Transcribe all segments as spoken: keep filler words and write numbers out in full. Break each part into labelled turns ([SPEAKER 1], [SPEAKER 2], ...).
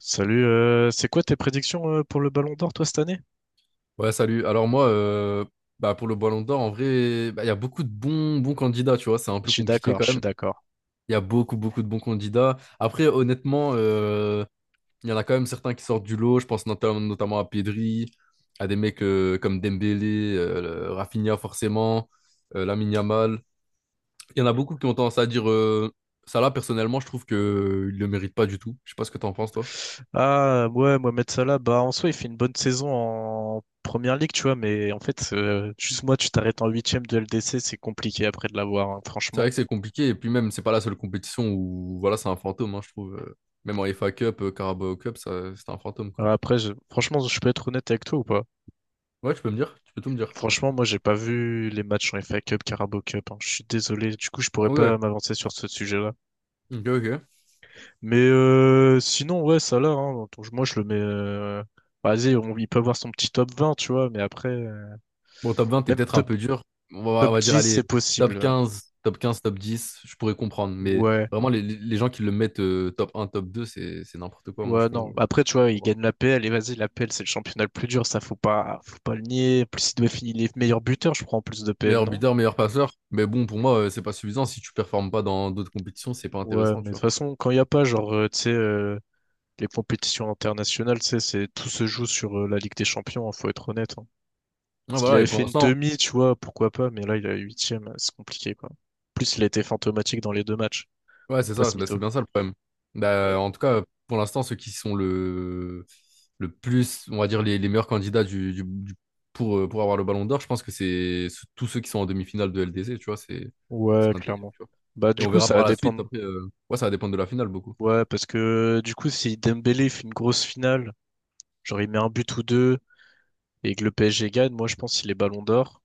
[SPEAKER 1] Salut, euh, c'est quoi tes prédictions euh, pour le Ballon d'Or, toi, cette année?
[SPEAKER 2] Ouais, salut. Alors moi, euh, bah pour le Ballon d'Or, en vrai, bah, il y a beaucoup de bons, bons candidats, tu vois, c'est un
[SPEAKER 1] Je
[SPEAKER 2] peu
[SPEAKER 1] suis
[SPEAKER 2] compliqué
[SPEAKER 1] d'accord, je
[SPEAKER 2] quand
[SPEAKER 1] suis
[SPEAKER 2] même.
[SPEAKER 1] d'accord.
[SPEAKER 2] Il y a beaucoup, beaucoup de bons candidats. Après, honnêtement, euh, il y en a quand même certains qui sortent du lot. Je pense notam- notamment à Pedri, à des mecs euh, comme Dembélé, euh, le- Rafinha forcément, euh, Lamine Yamal. Il y en a beaucoup qui ont tendance à dire euh, Salah. Personnellement, je trouve que il le mérite pas du tout. Je sais pas ce que t'en penses, toi.
[SPEAKER 1] Ah, ouais, Mohamed Salah, bah, en soi, il fait une bonne saison en première ligue, tu vois, mais en fait, euh, juste moi, tu t'arrêtes en huitième de L D C, c'est compliqué après de l'avoir, hein,
[SPEAKER 2] C'est vrai
[SPEAKER 1] franchement.
[SPEAKER 2] que c'est compliqué, et puis même, c'est pas la seule compétition où voilà, c'est un fantôme, hein, je trouve. Euh, Même en F A Cup, euh, Carabao Cup, ça, c'est un fantôme, quoi.
[SPEAKER 1] Ouais. Après, je- franchement, je peux être honnête avec toi ou pas?
[SPEAKER 2] Ouais, tu peux me dire, tu peux tout me dire.
[SPEAKER 1] Franchement, moi, j'ai pas vu les matchs en F A Cup, Carabao Cup, hein. Je suis désolé. Du coup, je pourrais
[SPEAKER 2] Ok,
[SPEAKER 1] pas m'avancer sur ce sujet-là.
[SPEAKER 2] ok, ok.
[SPEAKER 1] Mais euh, sinon, ouais, ça là, hein. Donc, moi, je le mets, euh, vas-y, on... il peut avoir son petit top vingt, tu vois. Mais après, euh,
[SPEAKER 2] Bon, top vingt, t'es
[SPEAKER 1] même
[SPEAKER 2] peut-être un
[SPEAKER 1] top,
[SPEAKER 2] peu dur. On va, on
[SPEAKER 1] top
[SPEAKER 2] va dire,
[SPEAKER 1] dix,
[SPEAKER 2] allez,
[SPEAKER 1] c'est
[SPEAKER 2] top
[SPEAKER 1] possible.
[SPEAKER 2] quinze, top quinze, top dix, je pourrais comprendre, mais
[SPEAKER 1] Ouais.
[SPEAKER 2] vraiment, les, les- les gens qui le mettent euh, top un, top deux, c'est, c'est n'importe quoi, moi,
[SPEAKER 1] Ouais,
[SPEAKER 2] je
[SPEAKER 1] non.
[SPEAKER 2] comprends
[SPEAKER 1] Après, tu vois, il
[SPEAKER 2] pas.
[SPEAKER 1] gagne la P L. Et vas-y, la P L, c'est le championnat le plus dur. Ça, faut pas, faut pas le nier. En plus, il doit finir les meilleurs buteurs, je crois, en plus de P L,
[SPEAKER 2] Meilleur
[SPEAKER 1] non?
[SPEAKER 2] buteur, meilleur passeur, mais bon, pour moi, euh, c'est pas suffisant. Si tu performes pas dans d'autres compétitions, c'est pas
[SPEAKER 1] Ouais,
[SPEAKER 2] intéressant,
[SPEAKER 1] mais
[SPEAKER 2] tu
[SPEAKER 1] de toute
[SPEAKER 2] vois.
[SPEAKER 1] façon, quand il y a pas, genre, euh, tu sais, euh, les compétitions internationales, tu sais, c'est, tout se joue sur euh, la Ligue des Champions, hein, faut être honnête, hein.
[SPEAKER 2] Ah,
[SPEAKER 1] S'il
[SPEAKER 2] voilà,
[SPEAKER 1] avait
[SPEAKER 2] et pour
[SPEAKER 1] fait une
[SPEAKER 2] l'instant...
[SPEAKER 1] demi, tu vois, pourquoi pas, mais là, il a huitième, euh, c'est compliqué, quoi. En plus, il a été fantomatique dans les deux matchs.
[SPEAKER 2] Ouais, c'est
[SPEAKER 1] Pas
[SPEAKER 2] ça,
[SPEAKER 1] ce
[SPEAKER 2] c'est bah, c'est
[SPEAKER 1] mytho.
[SPEAKER 2] bien ça le problème.
[SPEAKER 1] Ouais.
[SPEAKER 2] Bah, en tout cas, pour l'instant, ceux qui sont le, le plus, on va dire, les, les meilleurs candidats du, du- du- pour, euh, pour avoir le Ballon d'Or, je pense que c'est ce- tous ceux qui sont en demi-finale de L D C, tu vois, c'est
[SPEAKER 1] Ouais,
[SPEAKER 2] c'est un délire,
[SPEAKER 1] clairement.
[SPEAKER 2] tu vois.
[SPEAKER 1] Bah,
[SPEAKER 2] Et
[SPEAKER 1] du
[SPEAKER 2] on
[SPEAKER 1] coup,
[SPEAKER 2] verra
[SPEAKER 1] ça va
[SPEAKER 2] par la suite.
[SPEAKER 1] dépendre.
[SPEAKER 2] Après, euh, ouais, ça va dépendre de la finale beaucoup.
[SPEAKER 1] Ouais, parce que, du coup, si Dembélé fait une grosse finale, genre, il met un but ou deux, et que le P S G gagne, moi je pense qu'il est ballon d'or.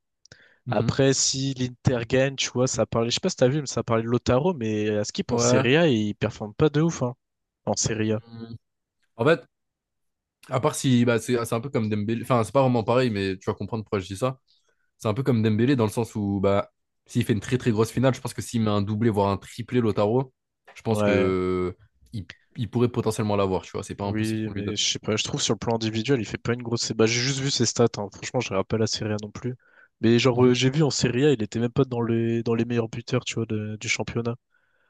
[SPEAKER 2] Mhm.
[SPEAKER 1] Après, si l'Inter gagne, tu vois, ça parlait, je sais pas si t'as vu, mais ça parlait de Lautaro, mais à ce qu'il en
[SPEAKER 2] Ouais.
[SPEAKER 1] Serie A, il performe pas de ouf, hein, en Serie A.
[SPEAKER 2] Mm. En fait, à part si, bah, c'est c'est un peu comme Dembélé, enfin, c'est pas vraiment pareil, mais tu vas comprendre pourquoi je dis ça. C'est un peu comme Dembélé dans le sens où bah, s'il fait une très très grosse finale, je pense que s'il met un doublé, voire un triplé Lotaro, je pense
[SPEAKER 1] Ouais,
[SPEAKER 2] que il, il pourrait potentiellement l'avoir, tu vois. C'est pas impossible
[SPEAKER 1] oui,
[SPEAKER 2] qu'on lui
[SPEAKER 1] mais
[SPEAKER 2] donne.
[SPEAKER 1] je sais pas, je trouve sur le plan individuel, il fait pas une grosse. Bah, j'ai juste vu ses stats, hein. Franchement, je regarde pas la Serie A non plus. Mais genre, euh,
[SPEAKER 2] Mhm.
[SPEAKER 1] j'ai vu en Serie A, il était même pas dans les, dans les meilleurs buteurs, tu vois, de- du championnat.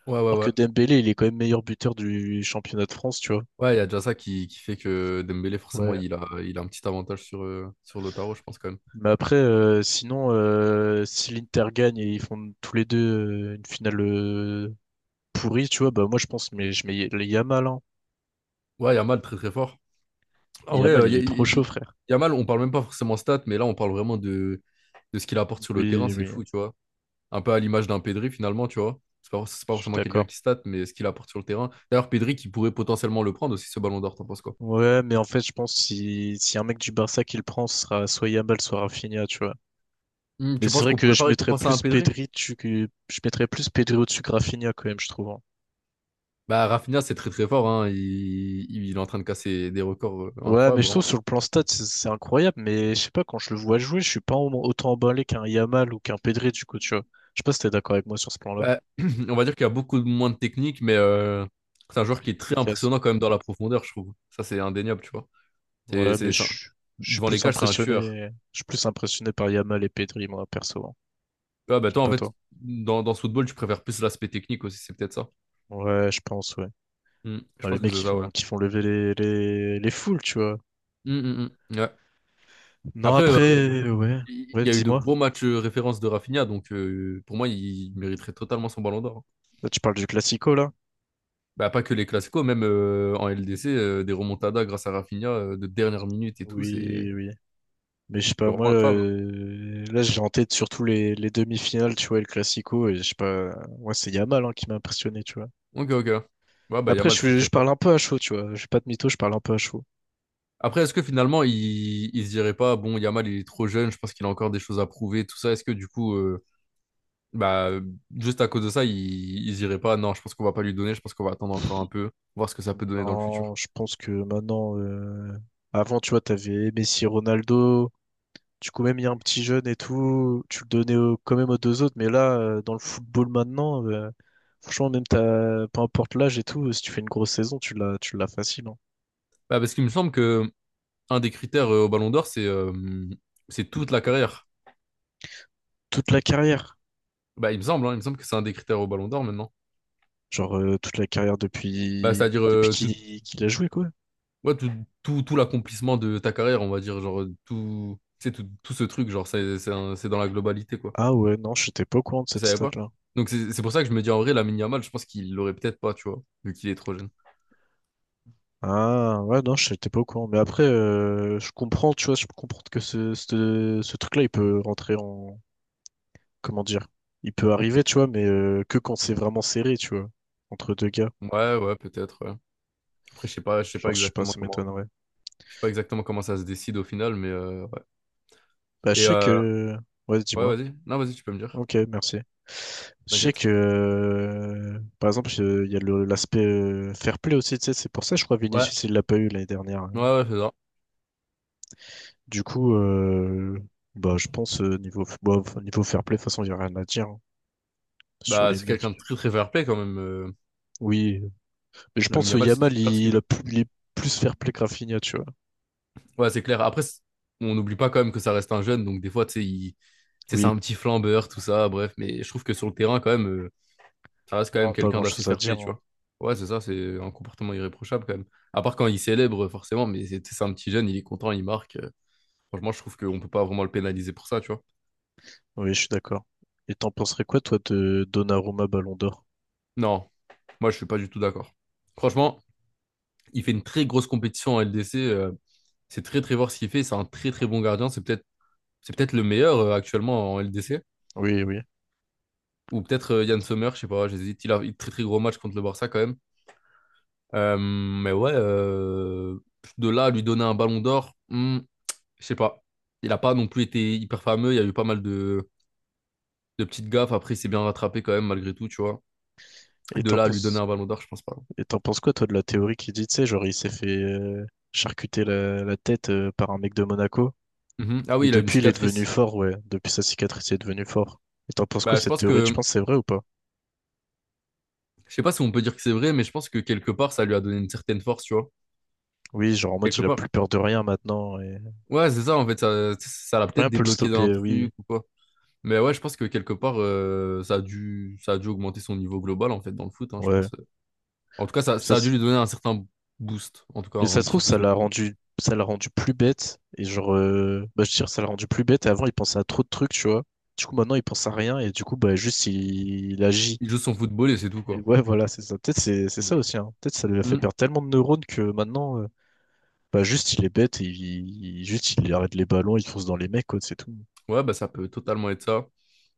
[SPEAKER 2] Ouais, ouais,
[SPEAKER 1] Alors
[SPEAKER 2] ouais.
[SPEAKER 1] que Dembélé, il est quand même meilleur buteur du championnat de France, tu vois.
[SPEAKER 2] Ouais, il y a déjà ça qui, qui fait que Dembélé, forcément,
[SPEAKER 1] Ouais.
[SPEAKER 2] il a, il a un petit avantage sur, euh, sur Lautaro, je pense quand même.
[SPEAKER 1] Mais après, euh, sinon, euh, si l'Inter gagne et ils font tous les deux euh, une finale euh, pourrie, tu vois, bah moi je pense, mais je mets le Yamal, hein.
[SPEAKER 2] Ouais, Yamal, très très fort. En vrai,
[SPEAKER 1] Yamal,
[SPEAKER 2] euh,
[SPEAKER 1] il
[SPEAKER 2] y-
[SPEAKER 1] est trop
[SPEAKER 2] y-
[SPEAKER 1] chaud,
[SPEAKER 2] y-
[SPEAKER 1] frère.
[SPEAKER 2] Yamal, on parle même pas forcément stats, mais là, on parle vraiment de, de ce qu'il apporte sur le terrain,
[SPEAKER 1] Oui,
[SPEAKER 2] c'est
[SPEAKER 1] oui,
[SPEAKER 2] fou, tu vois. Un peu à l'image d'un Pedri, finalement, tu vois. C'est pas, c'est pas
[SPEAKER 1] je suis
[SPEAKER 2] forcément quelqu'un
[SPEAKER 1] d'accord.
[SPEAKER 2] qui state, mais ce qu'il apporte sur le terrain. D'ailleurs, Pedri qui pourrait potentiellement le prendre aussi, ce Ballon d'Or, t'en penses quoi?
[SPEAKER 1] Ouais, mais en fait, je pense si si un mec du Barça qui le prend, ce sera soit Yamal, soit Rafinha, tu vois.
[SPEAKER 2] Hmm,
[SPEAKER 1] Mais
[SPEAKER 2] tu
[SPEAKER 1] c'est
[SPEAKER 2] penses
[SPEAKER 1] vrai
[SPEAKER 2] qu'on
[SPEAKER 1] que
[SPEAKER 2] pourrait pas
[SPEAKER 1] je mettrais
[SPEAKER 2] récompenser un
[SPEAKER 1] plus
[SPEAKER 2] Pedri?
[SPEAKER 1] Pedri, tu, que je mettrais plus Pedri au-dessus que Rafinha quand même, je trouve, hein.
[SPEAKER 2] Bah, Rafinha, c'est très très fort, hein. Il, il est en train de casser des records euh,
[SPEAKER 1] Ouais, mais
[SPEAKER 2] incroyables,
[SPEAKER 1] je trouve
[SPEAKER 2] vraiment.
[SPEAKER 1] sur le plan stat, c'est c'est incroyable, mais je sais pas, quand je le vois jouer, je suis pas en- autant emballé qu'un Yamal ou qu'un Pedri, du coup, tu vois. Je sais pas si t'es d'accord avec moi sur ce plan-là.
[SPEAKER 2] Bah, on va dire qu'il y a beaucoup moins de technique, mais euh, c'est un joueur qui
[SPEAKER 1] Plus
[SPEAKER 2] est très
[SPEAKER 1] efficace.
[SPEAKER 2] impressionnant quand même dans la profondeur, je trouve. Ça, c'est indéniable, tu vois. C'est,
[SPEAKER 1] Ouais, mais
[SPEAKER 2] c'est ça.
[SPEAKER 1] je, je suis
[SPEAKER 2] Devant les
[SPEAKER 1] plus
[SPEAKER 2] cages, c'est un tueur.
[SPEAKER 1] impressionné, je suis plus impressionné par Yamal et Pedri, moi, perso, hein.
[SPEAKER 2] Ah, bah,
[SPEAKER 1] Je sais
[SPEAKER 2] toi, en
[SPEAKER 1] pas
[SPEAKER 2] fait,
[SPEAKER 1] toi.
[SPEAKER 2] dans, dans ce football, tu préfères plus l'aspect technique aussi, c'est peut-être ça.
[SPEAKER 1] Ouais, je pense, ouais.
[SPEAKER 2] Hmm, je
[SPEAKER 1] Bah, les
[SPEAKER 2] pense que
[SPEAKER 1] mecs
[SPEAKER 2] c'est
[SPEAKER 1] qui
[SPEAKER 2] ça, ouais.
[SPEAKER 1] font, qui font lever les, les, les foules, tu vois.
[SPEAKER 2] Hmm, hmm, hmm. Ouais.
[SPEAKER 1] Non,
[SPEAKER 2] Après, euh,
[SPEAKER 1] après, ouais.
[SPEAKER 2] il
[SPEAKER 1] Ouais,
[SPEAKER 2] y a eu de
[SPEAKER 1] dis-moi.
[SPEAKER 2] gros matchs euh, références de Rafinha, donc euh, pour moi, il mériterait totalement son Ballon d'Or, hein.
[SPEAKER 1] Là, tu parles du Classico, là?
[SPEAKER 2] Bah, pas que les Clasico, même euh, en L D C, euh, des remontadas grâce à Rafinha euh, de dernière minute et tout, c'est
[SPEAKER 1] Oui, oui. Mais je sais
[SPEAKER 2] c'est
[SPEAKER 1] pas, moi,
[SPEAKER 2] vraiment incroyable,
[SPEAKER 1] euh, là, j'ai en tête surtout les, les demi-finales, tu vois, et le Classico, et je sais pas, moi, c'est Yamal hein, qui m'a impressionné, tu vois.
[SPEAKER 2] hein. Ok, ok. Ouais, bah,
[SPEAKER 1] Après,
[SPEAKER 2] Yamal très
[SPEAKER 1] je, je
[SPEAKER 2] très
[SPEAKER 1] parle
[SPEAKER 2] fort.
[SPEAKER 1] un peu à chaud, tu vois. Je vais pas de mytho, je parle un peu à chaud.
[SPEAKER 2] Après, est-ce que finalement, il, il se dirait pas, bon, Yamal, il est trop jeune, je pense qu'il a encore des choses à prouver, tout ça. Est-ce que du coup, euh, bah, juste à cause de ça, il, il se dirait pas, non, je pense qu'on va pas lui donner, je pense qu'on va attendre encore un peu, voir ce que ça peut donner dans le futur.
[SPEAKER 1] Non, je pense que maintenant, euh, avant, tu vois, t'avais Messi, Ronaldo, du coup, même il y a un petit jeune et tout, tu le donnais au- quand même aux deux autres. Mais là, euh, dans le football maintenant, euh, franchement, même t'as, peu importe l'âge et tout, si tu fais une grosse saison, tu l'as, tu l'as facile, hein.
[SPEAKER 2] Bah, parce qu'il me semble que un des critères euh, au Ballon d'Or, c'est euh, c'est toute la carrière.
[SPEAKER 1] Toute la carrière.
[SPEAKER 2] Bah, il me semble, hein, il me semble que c'est un des critères au Ballon d'Or maintenant.
[SPEAKER 1] Genre, euh, toute la carrière
[SPEAKER 2] Bah,
[SPEAKER 1] depuis,
[SPEAKER 2] c'est-à-dire
[SPEAKER 1] depuis
[SPEAKER 2] euh, tout,
[SPEAKER 1] qu'il qu'il a joué, quoi.
[SPEAKER 2] ouais, tout, tout, tout l'accomplissement de ta carrière, on va dire, genre euh, tout, tu sais, tout, tout ce truc, genre c'est c'est un- c'est dans la globalité, quoi.
[SPEAKER 1] Ah ouais, non, j'étais pas au courant de
[SPEAKER 2] Je
[SPEAKER 1] cette
[SPEAKER 2] savais pas.
[SPEAKER 1] stat-là.
[SPEAKER 2] Donc c'est c'est pour ça que je me dis en vrai, la Yamal, je pense qu'il l'aurait peut-être pas, tu vois, vu qu'il est trop jeune.
[SPEAKER 1] Ah ouais, non, j'étais pas au courant. Mais après, euh, je comprends, tu vois, je comprends que ce, ce, ce truc-là, il peut rentrer en... Comment dire? Il peut arriver, tu vois, mais euh, que quand c'est vraiment serré, tu vois, entre deux gars.
[SPEAKER 2] Ouais, ouais, peut-être, ouais. Après, je sais pas, je sais pas
[SPEAKER 1] Genre, je sais pas,
[SPEAKER 2] exactement
[SPEAKER 1] ça
[SPEAKER 2] comment,
[SPEAKER 1] m'étonnerait.
[SPEAKER 2] je sais pas exactement comment ça se décide au final, mais euh, ouais.
[SPEAKER 1] Bah, je
[SPEAKER 2] Et
[SPEAKER 1] sais
[SPEAKER 2] euh,
[SPEAKER 1] que... Ouais,
[SPEAKER 2] ouais,
[SPEAKER 1] dis-moi.
[SPEAKER 2] vas-y. Non, vas-y, tu peux me dire.
[SPEAKER 1] Ok, merci. Je sais
[SPEAKER 2] T'inquiète.
[SPEAKER 1] que, euh, par exemple, euh, il y a le- l'aspect euh, fair play aussi, tu sais, c'est pour ça, je crois,
[SPEAKER 2] Ouais,
[SPEAKER 1] Vinicius, il l'a pas eu l'année dernière.
[SPEAKER 2] ouais, ouais, c'est ça.
[SPEAKER 1] Du coup, euh, bah, je pense, euh, niveau, f- bah, f- niveau fair play, de toute façon, il n'y a rien à dire hein, sur
[SPEAKER 2] Bah,
[SPEAKER 1] les
[SPEAKER 2] c'est
[SPEAKER 1] mecs.
[SPEAKER 2] quelqu'un de très très fair-play quand même. euh,
[SPEAKER 1] Oui, euh, mais je
[SPEAKER 2] Lamine
[SPEAKER 1] pense que
[SPEAKER 2] Yamal, c'est
[SPEAKER 1] Yamal,
[SPEAKER 2] super ce
[SPEAKER 1] il,
[SPEAKER 2] qu'il
[SPEAKER 1] il a
[SPEAKER 2] veut.
[SPEAKER 1] plus, il est plus fair play que Rafinha, tu vois.
[SPEAKER 2] Ouais, c'est clair. Après, c'est- on n'oublie pas quand même que ça reste un jeune, donc des fois, tu sais, il... tu sais, c'est
[SPEAKER 1] Oui,
[SPEAKER 2] un petit flambeur, tout ça, bref. Mais je trouve que sur le terrain, quand même, euh, ça reste quand
[SPEAKER 1] non,
[SPEAKER 2] même
[SPEAKER 1] pas
[SPEAKER 2] quelqu'un d'assez
[SPEAKER 1] grand-chose à
[SPEAKER 2] fair-play,
[SPEAKER 1] dire,
[SPEAKER 2] tu
[SPEAKER 1] hein.
[SPEAKER 2] vois. Ouais, c'est ça, c'est un comportement irréprochable quand même. À part quand il célèbre, forcément, mais c'est c'est un petit jeune, il est content, il marque. euh, Franchement, je trouve qu'on peut pas vraiment le pénaliser pour ça, tu vois.
[SPEAKER 1] Oui, je suis d'accord. Et t'en penserais quoi, toi, de Donnarumma Ballon d'Or?
[SPEAKER 2] Non, moi, je suis pas du tout d'accord. Franchement, il fait une très grosse compétition en L D C. Euh, c'est très, très voir ce qu'il fait. C'est un très, très bon gardien. C'est peut-être, c'est peut-être le meilleur euh, actuellement en L D C.
[SPEAKER 1] Oui, oui.
[SPEAKER 2] Ou peut-être euh, Yann Sommer, je sais pas, j'hésite. Il a eu très, très gros match contre le Barça quand même. Euh, mais ouais, euh, de là à lui donner un ballon d'or, hmm, je sais pas. Il a pas non plus été hyper fameux. Il y a eu pas mal de, de petites gaffes. Après, il s'est bien rattrapé quand même, malgré tout, tu vois.
[SPEAKER 1] Et
[SPEAKER 2] De
[SPEAKER 1] t'en
[SPEAKER 2] là à lui donner
[SPEAKER 1] penses...
[SPEAKER 2] un ballon d'or, je pense pas.
[SPEAKER 1] Et t'en penses quoi, toi, de la théorie qui dit, tu sais, genre, il s'est fait euh, charcuter la, la tête euh, par un mec de Monaco.
[SPEAKER 2] Mhm. Ah oui,
[SPEAKER 1] Et
[SPEAKER 2] il a une
[SPEAKER 1] depuis, il est devenu
[SPEAKER 2] cicatrice.
[SPEAKER 1] fort, ouais. Depuis sa cicatrice, il est devenu fort. Et t'en penses quoi,
[SPEAKER 2] Bah, je
[SPEAKER 1] cette
[SPEAKER 2] pense
[SPEAKER 1] théorie? Tu
[SPEAKER 2] que,
[SPEAKER 1] penses que c'est vrai ou pas?
[SPEAKER 2] je sais pas si on peut dire que c'est vrai, mais je pense que quelque part, ça lui a donné une certaine force, tu vois.
[SPEAKER 1] Oui, genre, en mode,
[SPEAKER 2] Quelque
[SPEAKER 1] il a plus
[SPEAKER 2] part.
[SPEAKER 1] peur de rien maintenant. Et
[SPEAKER 2] Ouais, c'est ça, en fait, ça, ça l'a
[SPEAKER 1] rien
[SPEAKER 2] peut-être
[SPEAKER 1] peut le
[SPEAKER 2] débloqué d'un
[SPEAKER 1] stopper, oui.
[SPEAKER 2] truc ou quoi. Mais ouais, je pense que quelque part, euh, ça a dû, ça a dû augmenter son niveau global, en fait, dans le foot, hein, je
[SPEAKER 1] Ouais.
[SPEAKER 2] pense. En tout cas, ça,
[SPEAKER 1] Ça,
[SPEAKER 2] ça a dû
[SPEAKER 1] s-
[SPEAKER 2] lui donner un certain boost, en tout cas,
[SPEAKER 1] mais ça
[SPEAKER 2] un
[SPEAKER 1] se
[SPEAKER 2] petit
[SPEAKER 1] trouve, ça
[SPEAKER 2] boost de
[SPEAKER 1] l'a
[SPEAKER 2] confiance.
[SPEAKER 1] rendu, ça l'a rendu plus bête. Et genre, euh, bah, je veux dire, ça l'a rendu plus bête. Et avant, il pensait à trop de trucs, tu vois. Du coup, maintenant, il pense à rien. Et du coup, bah, juste, il il agit.
[SPEAKER 2] Il joue son football et c'est tout,
[SPEAKER 1] Et
[SPEAKER 2] quoi.
[SPEAKER 1] ouais, voilà, c'est ça. Peut-être c'est c'est ça
[SPEAKER 2] Et-
[SPEAKER 1] aussi, hein. Peut-être ça lui a fait
[SPEAKER 2] Hmm.
[SPEAKER 1] perdre tellement de neurones que maintenant, euh, bah juste il est bête et il, il- juste il arrête les ballons, il fonce dans les mecs, quoi, c'est tout.
[SPEAKER 2] Ouais, bah, ça peut totalement être ça.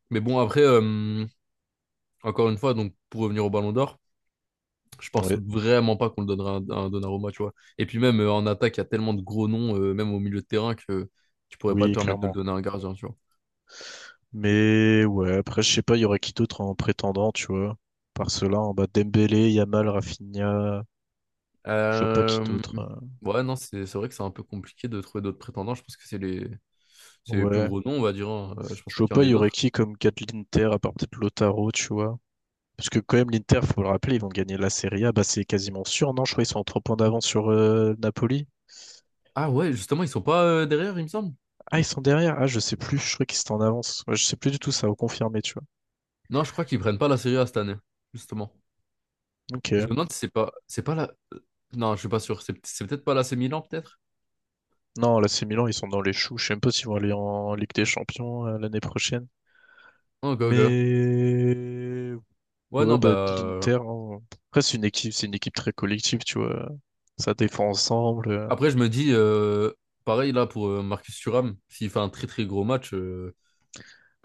[SPEAKER 2] Mais bon, après, euh, encore une fois, donc, pour revenir au Ballon d'Or. Je pense
[SPEAKER 1] Ouais,
[SPEAKER 2] vraiment pas qu'on le donnera à un Donnarumma, tu vois. Et puis même euh, en attaque, il y a tellement de gros noms, euh, même au milieu de terrain, que tu pourrais pas te
[SPEAKER 1] oui,
[SPEAKER 2] permettre de le
[SPEAKER 1] clairement.
[SPEAKER 2] donner à un gardien, tu vois.
[SPEAKER 1] Mais ouais, après je sais pas, il y aurait qui d'autre en prétendant, tu vois. Par cela, en bas Dembélé, Yamal, Rafinha, je vois pas qui
[SPEAKER 2] Euh,
[SPEAKER 1] d'autre, hein.
[SPEAKER 2] Ouais, non, c'est c'est vrai que c'est un peu compliqué de trouver d'autres prétendants. Je pense que c'est les... c'est les plus
[SPEAKER 1] Ouais,
[SPEAKER 2] gros noms, on va dire, hein. Euh, je pense
[SPEAKER 1] je
[SPEAKER 2] pas
[SPEAKER 1] vois
[SPEAKER 2] qu'il y
[SPEAKER 1] pas,
[SPEAKER 2] en
[SPEAKER 1] il
[SPEAKER 2] ait
[SPEAKER 1] y aurait
[SPEAKER 2] d'autres.
[SPEAKER 1] qui comme gars de l'Inter à part peut-être Lautaro, tu vois. Parce que quand même l'Inter, faut le rappeler, ils vont gagner la Serie A, bah c'est quasiment sûr, non? Je crois qu'ils sont en trois points d'avance sur euh, Napoli.
[SPEAKER 2] Ah ouais, justement, ils sont pas euh, derrière, il me semble.
[SPEAKER 1] Ah, ils sont derrière. Ah, je sais plus. Je crois qu'ils étaient en avance. Ouais, je sais plus du tout. Ça va confirmer, tu vois.
[SPEAKER 2] Non, je crois qu'ils prennent pas la Serie A cette année, justement.
[SPEAKER 1] Ok.
[SPEAKER 2] Je me demande si c'est pas... C'est pas la... euh, non, je suis pas sûr. C'est c'est peut-être pas l'A C Milan, peut-être?
[SPEAKER 1] Non, là, c'est Milan. Ils sont dans les choux. Je sais même pas s'ils vont aller en Ligue des Champions euh, l'année prochaine.
[SPEAKER 2] Ok, ok.
[SPEAKER 1] Mais
[SPEAKER 2] Ouais,
[SPEAKER 1] ouais,
[SPEAKER 2] non,
[SPEAKER 1] bah
[SPEAKER 2] bah...
[SPEAKER 1] l'Inter, hein. Après, c'est une équipe. C'est une équipe très collective, tu vois. Ça défend ensemble, euh.
[SPEAKER 2] Après, je me dis, euh, pareil là pour euh, Marcus Thuram, s'il fait un très très gros match, euh,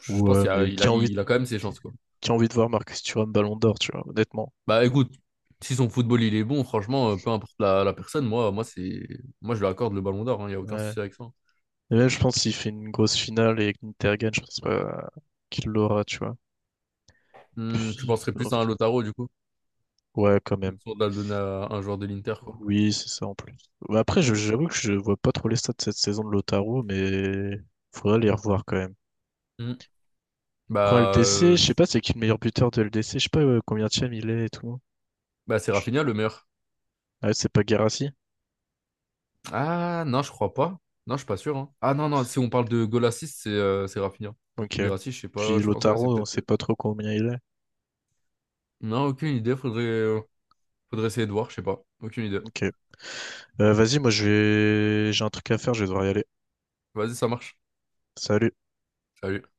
[SPEAKER 2] je pense
[SPEAKER 1] Ouais,
[SPEAKER 2] qu'il a,
[SPEAKER 1] mais
[SPEAKER 2] il
[SPEAKER 1] qui
[SPEAKER 2] a,
[SPEAKER 1] a envie, de-
[SPEAKER 2] il a quand même ses chances, quoi.
[SPEAKER 1] qui a envie de voir Marcus Thuram Ballon d'Or, tu vois, honnêtement.
[SPEAKER 2] Bah écoute, si son football il est bon, franchement, euh, peu importe la, la personne, moi, moi, c'est, moi je lui accorde le ballon d'or, hein, il n'y a aucun
[SPEAKER 1] Ouais.
[SPEAKER 2] souci avec ça, hein.
[SPEAKER 1] Et là, je pense qu'il fait une grosse finale et que l'Inter gagne. Je pense pas qu'il l'aura, tu vois.
[SPEAKER 2] Hmm, tu
[SPEAKER 1] Puis,
[SPEAKER 2] penserais plus à un Lautaro du coup,
[SPEAKER 1] ouais, quand même.
[SPEAKER 2] plutôt de la donner à un joueur de l'Inter, quoi.
[SPEAKER 1] Oui, c'est ça en plus. Bah, après, je-
[SPEAKER 2] Donc, euh,
[SPEAKER 1] j'avoue que je vois pas trop les stats de cette saison de Lautaro, mais faudrait les revoir quand même.
[SPEAKER 2] hmm, bah,
[SPEAKER 1] Prends L D C,
[SPEAKER 2] euh,
[SPEAKER 1] je sais pas c'est qui le meilleur buteur de L D C, je sais pas euh, combien de il est et tout.
[SPEAKER 2] bah c'est
[SPEAKER 1] Je-
[SPEAKER 2] Rafinha le meilleur.
[SPEAKER 1] Ah, c'est pas Guirassy?
[SPEAKER 2] Ah non, je crois pas. Non, je suis pas sûr, hein. Ah non, non, si on parle de goal assist, c'est euh, c'est Rafinha.
[SPEAKER 1] Ok.
[SPEAKER 2] Guirassy, je sais
[SPEAKER 1] Puis
[SPEAKER 2] pas, je pense, ouais, c'est
[SPEAKER 1] Lautaro, on
[SPEAKER 2] peut-être.
[SPEAKER 1] sait pas trop combien il est.
[SPEAKER 2] Non, aucune idée. Faudrait, euh, faudrait essayer de voir, je sais pas. Aucune idée.
[SPEAKER 1] Ok. Euh, vas-y, moi je vais j'ai un truc à faire, je vais devoir y aller.
[SPEAKER 2] Vas-y, ça marche.
[SPEAKER 1] Salut.
[SPEAKER 2] Salut.